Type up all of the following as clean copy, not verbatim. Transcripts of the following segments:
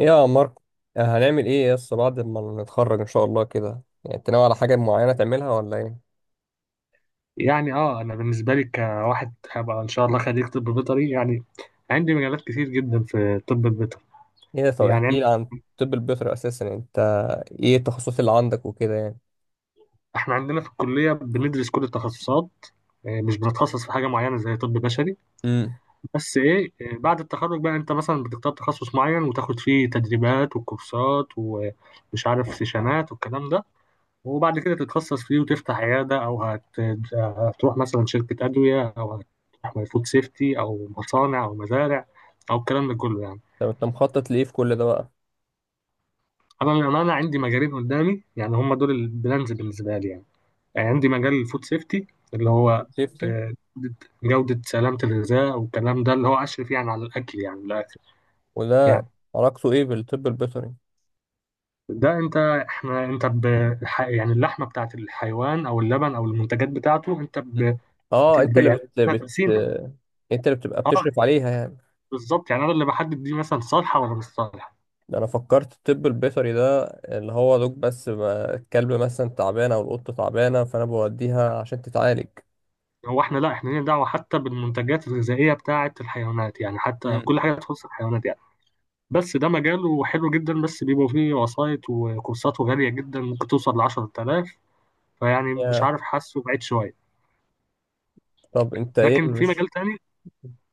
ايه يا ماركو. هنعمل ايه يس بعد ما نتخرج ان شاء الله كده؟ يعني انت ناوي على حاجه معينه تعملها ولا ايه؟ يعني انا بالنسبه لي كواحد هبقى ان شاء الله خريج طب بيطري يعني عندي مجالات كتير جدا في الطب البيطري. ايه، طب يعني احكي لي عن طب البيطري اساسا. يعني انت ايه التخصصات اللي عندك وكده يعني؟ احنا عندنا في الكليه بندرس كل التخصصات، مش بنتخصص في حاجه معينه زي طب بشري. امم. بس ايه، بعد التخرج بقى انت مثلا بتختار تخصص معين وتاخد فيه تدريبات وكورسات ومش عارف سيشنات والكلام ده، وبعد كده تتخصص فيه وتفتح عياده او هتروح مثلا شركه ادويه، او هتروح فود سيفتي او مصانع او مزارع، او الكلام ده كله يعني. طب انت مخطط لايه في كل ده بقى؟ انا للامانه عندي مجالين قدامي، يعني هم دول البلانز بالنسبه لي يعني. يعني عندي مجال الفود سيفتي، اللي هو سيفتي. آه، جوده سلامه الغذاء والكلام ده، اللي هو اشرف يعني على الاكل يعني من الاخر. وده يعني علاقته ايه بالطب البيطري؟ ده انت احنا انت يعني اللحمه بتاعت الحيوان او اللبن او المنتجات بتاعته، انت مم. اه، انت اللي يعني احنا بنسينها. انت اللي بتبقى اه بتشرف عليها يعني. بالظبط، يعني انا اللي بحدد دي مثلا صالحه ولا مش صالحه. ده انا فكرت الطب البيطري ده اللي هو دوك، بس بقى الكلب مثلا تعبانه او القطه تعبانه فانا بوديها عشان تتعالج. هو احنا لا احنا لينا دعوه حتى بالمنتجات الغذائيه بتاعت الحيوانات، يعني حتى مم. كل حاجه تخص الحيوانات يعني. بس ده مجاله حلو جدا، بس بيبقوا فيه وسايط وكورساته غالية جدا، ممكن توصل لعشرة آلاف. فيعني مش عارف، حاسه بعيد شوية. طب انت ايه؟ لكن في مش مجال تاني.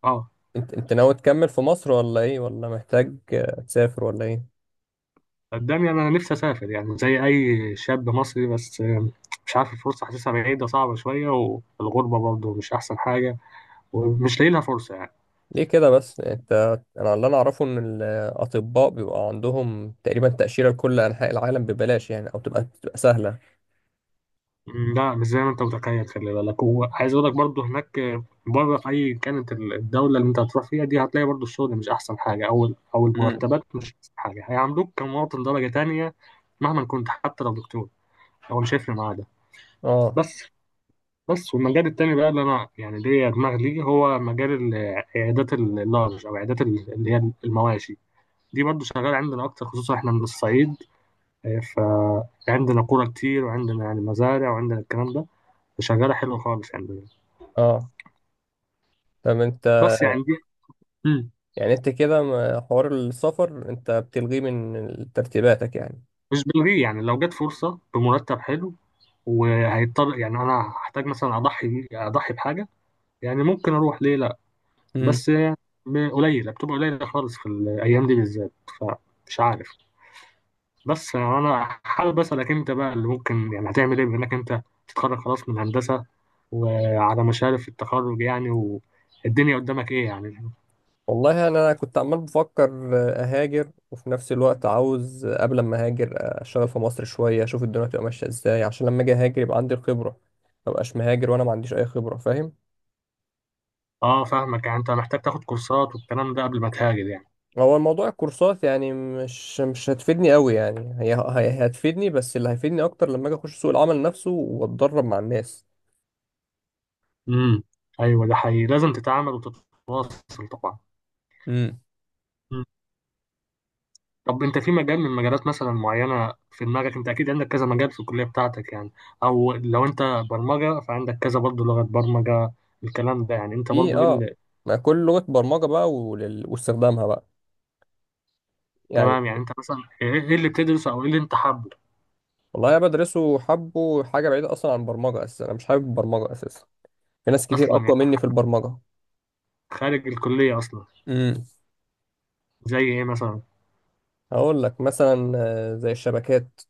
اه انت انت ناوي تكمل في مصر ولا ايه، ولا محتاج تسافر ولا ايه؟ قدامي أنا نفسي أسافر يعني زي أي شاب مصري، بس مش عارف الفرصة حاسسها بعيدة صعبة شوية، والغربة برضه مش أحسن حاجة، ومش لاقي لها فرصة يعني. ليه كده بس انت؟ انا اللي اعرفه ان الاطباء بيبقى عندهم تقريبا تأشيرة لكل انحاء العالم ببلاش يعني، او تبقى سهلة. مم، لا مش زي ما انت متخيل، خلي بالك، وعايز اقول لك برضو هناك، بره، في اي كانت الدوله اللي انت هتروح فيها دي، هتلاقي برضو الشغل مش احسن حاجه، او او امم. المرتبات مش احسن حاجه، هيعاملوك كمواطن درجه تانية. مهما كنت، حتى لو دكتور، هو مش هيفرق معاه ده. اه. بس بس والمجال التاني بقى اللي انا يعني ليا دماغ ليه، هو مجال عيادات اللارج، او عيادات اللي هي المواشي. دي برضو شغاله عندنا اكتر، خصوصا احنا من الصعيد، آه، فعندنا قرى كتير، وعندنا يعني مزارع، وعندنا الكلام ده. شغالة حلوة خالص يعني. اه. طب انت بس يعني دي مم. يعني انت كده ما- حوار السفر انت بتلغيه من ترتيباتك يعني؟ مش بلغيه، يعني لو جت فرصة بمرتب حلو، وهيضطر يعني أنا هحتاج مثلا أضحي بحاجة يعني، ممكن أروح ليه. لأ امم. بس قليلة، بتبقى قليلة خالص في الأيام دي بالذات، فمش عارف. بس أنا حابب أسألك أنت بقى، اللي ممكن يعني هتعمل إيه، بما إنك أنت تتخرج خلاص من هندسة، وعلى مشارف التخرج يعني، والدنيا قدامك إيه يعني؟ والله انا كنت عمال بفكر اهاجر، وفي نفس الوقت عاوز قبل ما اهاجر اشتغل في مصر شويه، اشوف الدنيا هتبقى ماشيه ازاي، عشان لما اجي اهاجر يبقى عندي الخبره. ما ابقاش مهاجر وانا ما عنديش اي خبره، فاهم؟ أه فاهمك، يعني أنت محتاج تاخد كورسات والكلام ده قبل ما تهاجر يعني. هو الموضوع الكورسات يعني مش هتفيدني قوي يعني، هتفيدني، بس اللي هيفيدني اكتر لما اجي اخش سوق العمل نفسه واتدرب مع الناس. امم، ايوه ده حقيقي، لازم تتعامل وتتواصل طبعا. امم. مم. طب انت في مجال من مجالات مثلا معينه في دماغك؟ انت اكيد عندك كذا مجال في الكليه بتاعتك يعني، او لو انت برمجه فعندك كذا برضه لغه برمجه، الكلام ده. يعني انت في برضه ايه اه، اللي، ما كل لغة برمجة بقى ولل- واستخدامها بقى يعني. تمام يعني انت مثلا ايه، إيه اللي بتدرسه او ايه اللي انت حابه والله انا بدرسه حبه حاجة بعيدة اصلا عن البرمجة، اساسا انا مش حابب البرمجة اساسا. في ناس كتير اصلا اقوى يعني، مني في البرمجه. خارج الكليه اصلا، امم. زي ايه مثلا؟ هقول لك مثلا زي الشبكات،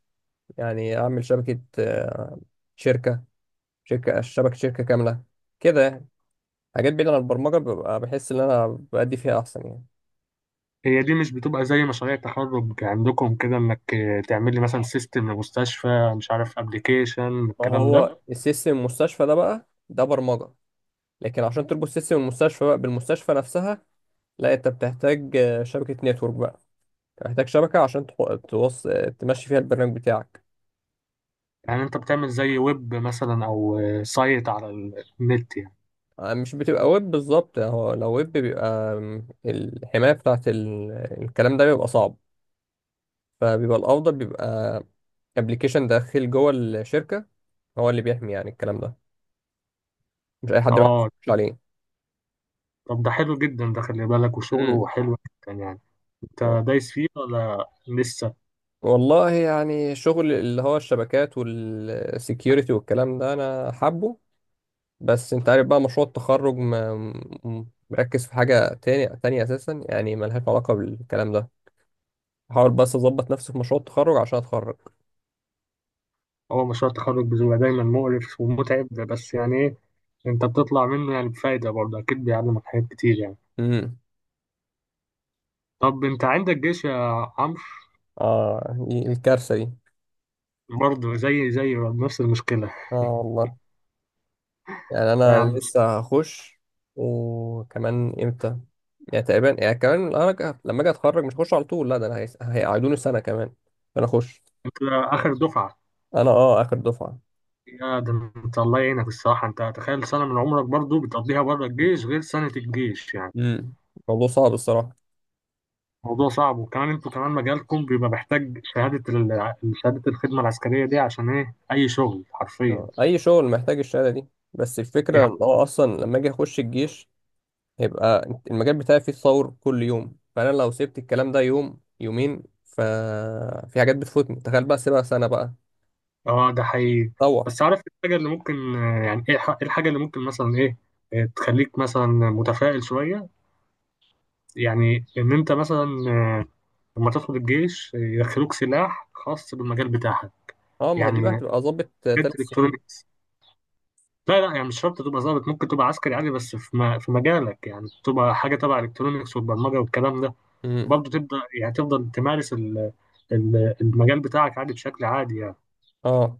يعني اعمل شبكه، شركه، شركه شبكه شركه كامله كده يعني. حاجات بعيده عن البرمجه، ببقى بحس ان انا بأدي فيها احسن يعني. هي دي مش بتبقى زي مشاريع تخرج عندكم كده، انك تعمل لي مثلا سيستم لمستشفى، مش عارف ابلكيشن، ما الكلام ده. هو السيستم المستشفى ده بقى ده برمجه، لكن عشان تربط سيستم المستشفى بقى بالمستشفى نفسها، لا انت بتحتاج شبكه نتورك بقى، بتحتاج شبكه عشان تحو- توص... آه، تمشي فيها البرنامج بتاعك. يعني انت بتعمل زي ويب مثلا او سايت على النت يعني؟ مش بتبقى ويب بالظبط. هو لو ويب بيبقى الحماية بتاعت ال- الكلام ده بيبقى صعب، فبيبقى الأفضل بيبقى ابلكيشن داخل جوه الشركة هو اللي بيحمي يعني. الكلام ده مش أي حد بيعرف اه يخش عليه. طب ده حلو جدا، ده خلي بالك وشغله امم. حلو جدا يعني. آه. انت دايس فيه ولا لسه؟ والله يعني شغل اللي هو الشبكات والسكيورتي والكلام ده أنا حابه. بس أنت عارف بقى مشروع التخرج ما- م- مركز في حاجة تانية أساسا يعني، ملهاش علاقة بالكلام ده. بحاول بس أظبط نفسي في مشروع التخرج عشان أتخرج. هو مشروع التخرج بيبقى دايما مقرف ومتعب، بس يعني ايه، انت بتطلع منه يعني بفايدة برضه، اكيد بيعلمك حاجات كتير يعني. مم. طب انت عندك جيش يا عمرو؟ اه، دي- الكارثة دي. برضه زي نفس المشكلة. اه والله، يعني لا يا انا عم، لسه هخش. وكمان امتى؟ يعني تقريبا يعني كمان انا ك- لما اجي اتخرج مش هخش على طول، لا ده انا هيس- هيقعدوني سنة كمان. انا اخش. انت اخر دفعة! انا اه اخر دفعة. يا ده انت الله يعينك الصراحة، انت تخيل سنة من عمرك برضه بتقضيها بره الجيش، غير سنة الجيش يعني. امم. الموضوع صعب الصراحة. موضوع صعب، وكمان انتوا كمان مجالكم بيبقى محتاج شهادة شهادة الخدمة العسكرية دي عشان ايه، أي شغل حرفيا اي شغل محتاج الشهادة دي. بس الفكرة يعني. ان هو اصلا لما اجي اخش الجيش هيبقى المجال بتاعي فيه تطور كل يوم، فانا لو سبت الكلام ده يوم يومين ففي حاجات بتفوتني، تخيل بقى سيبها سنة بقى. اه ده حقيقي. تطور. بس عارف إيه الحاجة اللي ممكن، يعني ايه إيه الحاجة اللي ممكن مثلا ايه، تخليك مثلا متفائل شوية، يعني ان انت مثلا، آه، لما تدخل الجيش، يدخلوك سلاح خاص بالمجال بتاعك، اه، ما هي دي بقى يعني هتبقى ظابط حاجات 3 سنين. الكترونيكس. لا لا، يعني مش شرط تبقى ظابط، ممكن تبقى عسكري عادي، بس في في مجالك يعني، تبقى حاجة تبع الكترونيكس والبرمجة والكلام ده، امم. برضه تبدا يعني تفضل تمارس المجال بتاعك عادي بشكل عادي يعني. اه.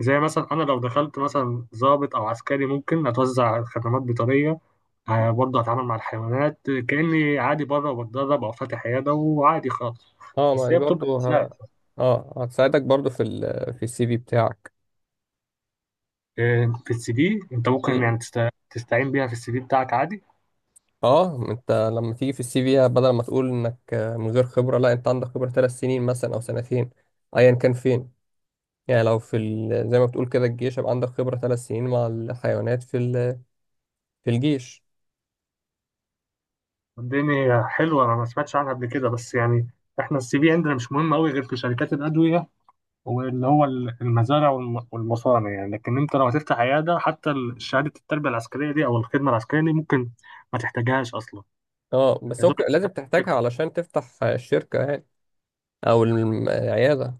زي مثلا انا لو دخلت مثلا ضابط او عسكري، ممكن اتوزع خدمات بيطريه، برضه اتعامل مع الحيوانات كاني عادي بره، وبتدرب او فاتح عياده، وعادي خالص. اه، ما بس دي هي بتبقى برضو ازاي؟ ه... اه، هتساعدك برضو في ال... في السي في بتاعك. في السي في انت ممكن مم. يعني تستعين بيها في السي في بتاعك عادي. اه، ما انت لما تيجي في السي في بدل ما تقول انك من غير خبرة، لا، انت عندك خبرة 3 سنين مثلا او 2 سنين، ايا كان فين. يعني لو في ال... زي ما بتقول كده الجيش، يبقى عندك خبرة 3 سنين مع الحيوانات في ال... في الجيش. الدنيا حلوه، انا ما سمعتش عنها قبل كده، بس يعني احنا السي في عندنا مش مهم قوي غير في شركات الادويه، واللي هو المزارع والمصانع يعني. لكن انت لو هتفتح عياده حتى شهاده التربيه العسكريه دي او الخدمه العسكريه دي ممكن ما تحتاجهاش اصلا. اه، بس يا دوب ممكن انت، لازم تحتاجها علشان تفتح الشركة يعني، او الم- العيادة.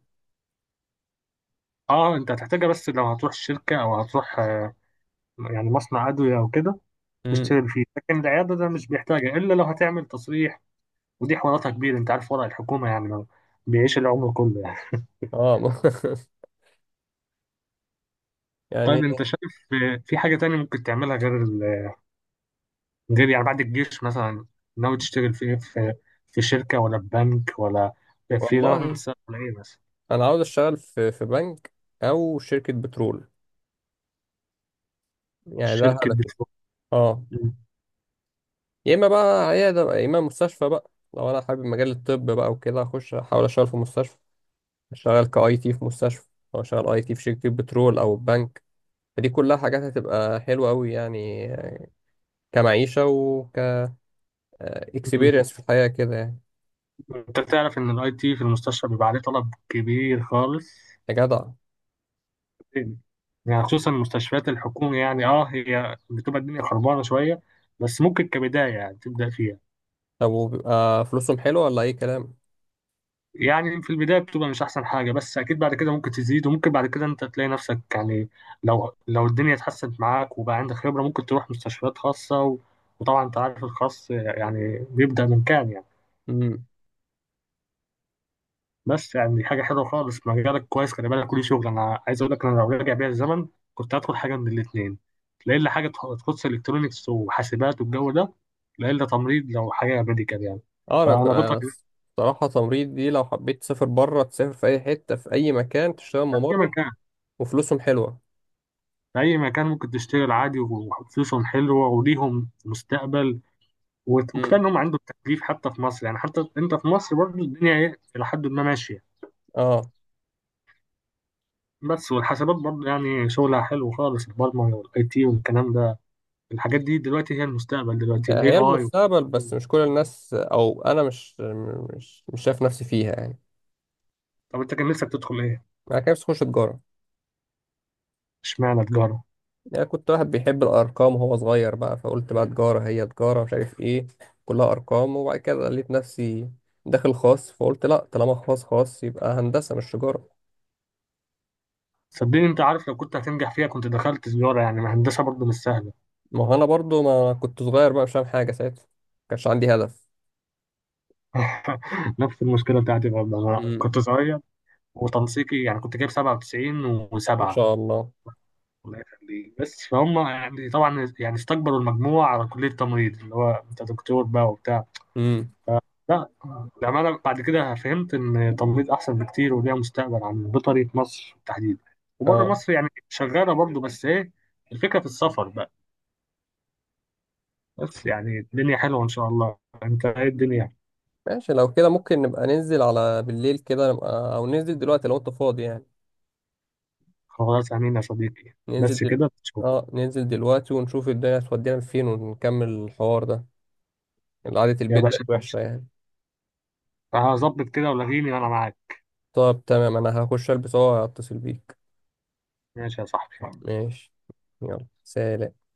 اه انت هتحتاجها بس لو هتروح شركه، او هتروح يعني مصنع ادويه او كده، امم. تشتغل فيه. لكن العياده ده مش بيحتاجها الا لو هتعمل تصريح، ودي حواراتها كبيره، انت عارف ورق الحكومه يعني، لو بيعيش العمر كله يعني. اه طيب يعني. انت شايف في حاجه تانية ممكن تعملها غير، غير يعني بعد الجيش مثلا، ناوي تشتغل في ايه، في شركة ولا في بنك، ولا والله فريلانس ولا ايه مثلا؟ انا عاوز اشتغل في في بنك او شركه بترول. يعني ده شركة هدفي. بترول. اه. مم. يا اما بقى عياده بقى، يا اما مستشفى بقى لو انا حابب مجال الطب بقى وكده، اخش احاول اشتغل في مستشفى، اشتغل كاي تي في مستشفى، او اشتغل اي تي في شركه بترول او بنك. فدي كلها حاجات هتبقى حلوه قوي يعني، كمعيشه وك مم. اكسبيرينس في الحياه كده يعني. انت تعرف ان الاي تي في المستشفى بيبقى عليه طلب كبير خالص؟ يا جدع. يعني خصوصا المستشفيات الحكومية، يعني اه هي بتبقى الدنيا خربانة شوية، بس ممكن كبداية يعني تبدأ فيها. طب وبيبقى فلوسهم حلوه ولا اي كلام؟ يعني في البداية بتبقى مش أحسن حاجة، بس أكيد بعد كده ممكن تزيد، وممكن بعد كده أنت تلاقي نفسك يعني، لو الدنيا اتحسنت معاك وبقى عندك خبرة، ممكن تروح مستشفيات خاصة وطبعا أنت عارف الخاص يعني بيبدأ من كام يعني. بس يعني دي حاجة حلوة خالص، مجالك كويس، خلي بالك وليه شغل. أنا عايز أقول لك، أنا لو راجع بيا الزمن، كنت هدخل حاجة من الاتنين، لا إلا حاجة تخص إلكترونيكس وحاسبات والجو ده، لا إلا تمريض لو حاجة ميديكال يعني. اه انا ك- فأنا انا بطل. الصراحه تمريض دي لو حبيت تسافر بره، تسافر في اي حته، في اي مكان تشتغل ممرض أيا كان، وفلوسهم حلوه. في أي مكان ممكن تشتغل عادي، وفلوسهم حلوة، وليهم مستقبل، وكفاية مم. إنهم عندهم تكليف حتى في مصر يعني، حتى أنت في مصر برضه الدنيا إيه إلى حد ما ماشية. اه، بس والحسابات برضه يعني شغلها حلو خالص، البرمجة والأي تي والكلام ده، الحاجات دي دلوقتي هي المستقبل، دلوقتي ال هي AI. المستقبل بس مش كل الناس، او انا مش شايف نفسي فيها يعني. طب أنت كان نفسك تدخل إيه؟ انا كان نفسي اخش تجاره. اشمعنى تجارة؟ يعني كنت واحد بيحب الارقام وهو صغير بقى، فقلت بقى تجاره، هي تجاره مش عارف ايه، كلها ارقام. وبعد كده لقيت نفسي داخل خاص فقلت لا، طالما خاص خاص يبقى هندسه مش تجاره. صدقني أنت عارف، لو كنت هتنجح فيها كنت دخلت تجارة يعني، ما هندسة برضه مش سهلة. ما هو انا برضو ما كنت صغير بقى مش فاهم حاجه ساعتها، ما كانش عندي هدف. نفس المشكلة بتاعتي برضه، أنا امم. كنت صغير، وتنسيقي يعني كنت جايب 97 و7. ما شاء الله. الله يخليك، بس فهم يعني، طبعا يعني استكبروا المجموعة على كلية تمريض، اللي هو انت دكتور بقى وبتاع. امم. لا، لما بعد كده فهمت ان تمريض احسن بكتير وليها مستقبل عن بيطري في مصر تحديدا. وبره اه. مصر يعني شغالة برضو بس ايه، الفكرة في السفر بقى. بس يعني الدنيا حلوة ان شاء الله. انت ايه الدنيا؟ ماشي، لو كده ممكن نبقى ننزل على بالليل كده نبقى، او ننزل دلوقتي لو انت فاضي يعني. خلاص، امين يا صديقي، ننزل بس دل... كده تشوف. اه، ننزل دلوقتي ونشوف الدنيا هتودينا فين ونكمل الحوار ده. قعدة يا البيت بقت باشا وحشة ماشي، يعني. هظبط كده ولاغيني وانا معاك. طب تمام، انا هخش البس وهتصل بيك. ماشي يا صاحبي. ماشي. يلا سلام.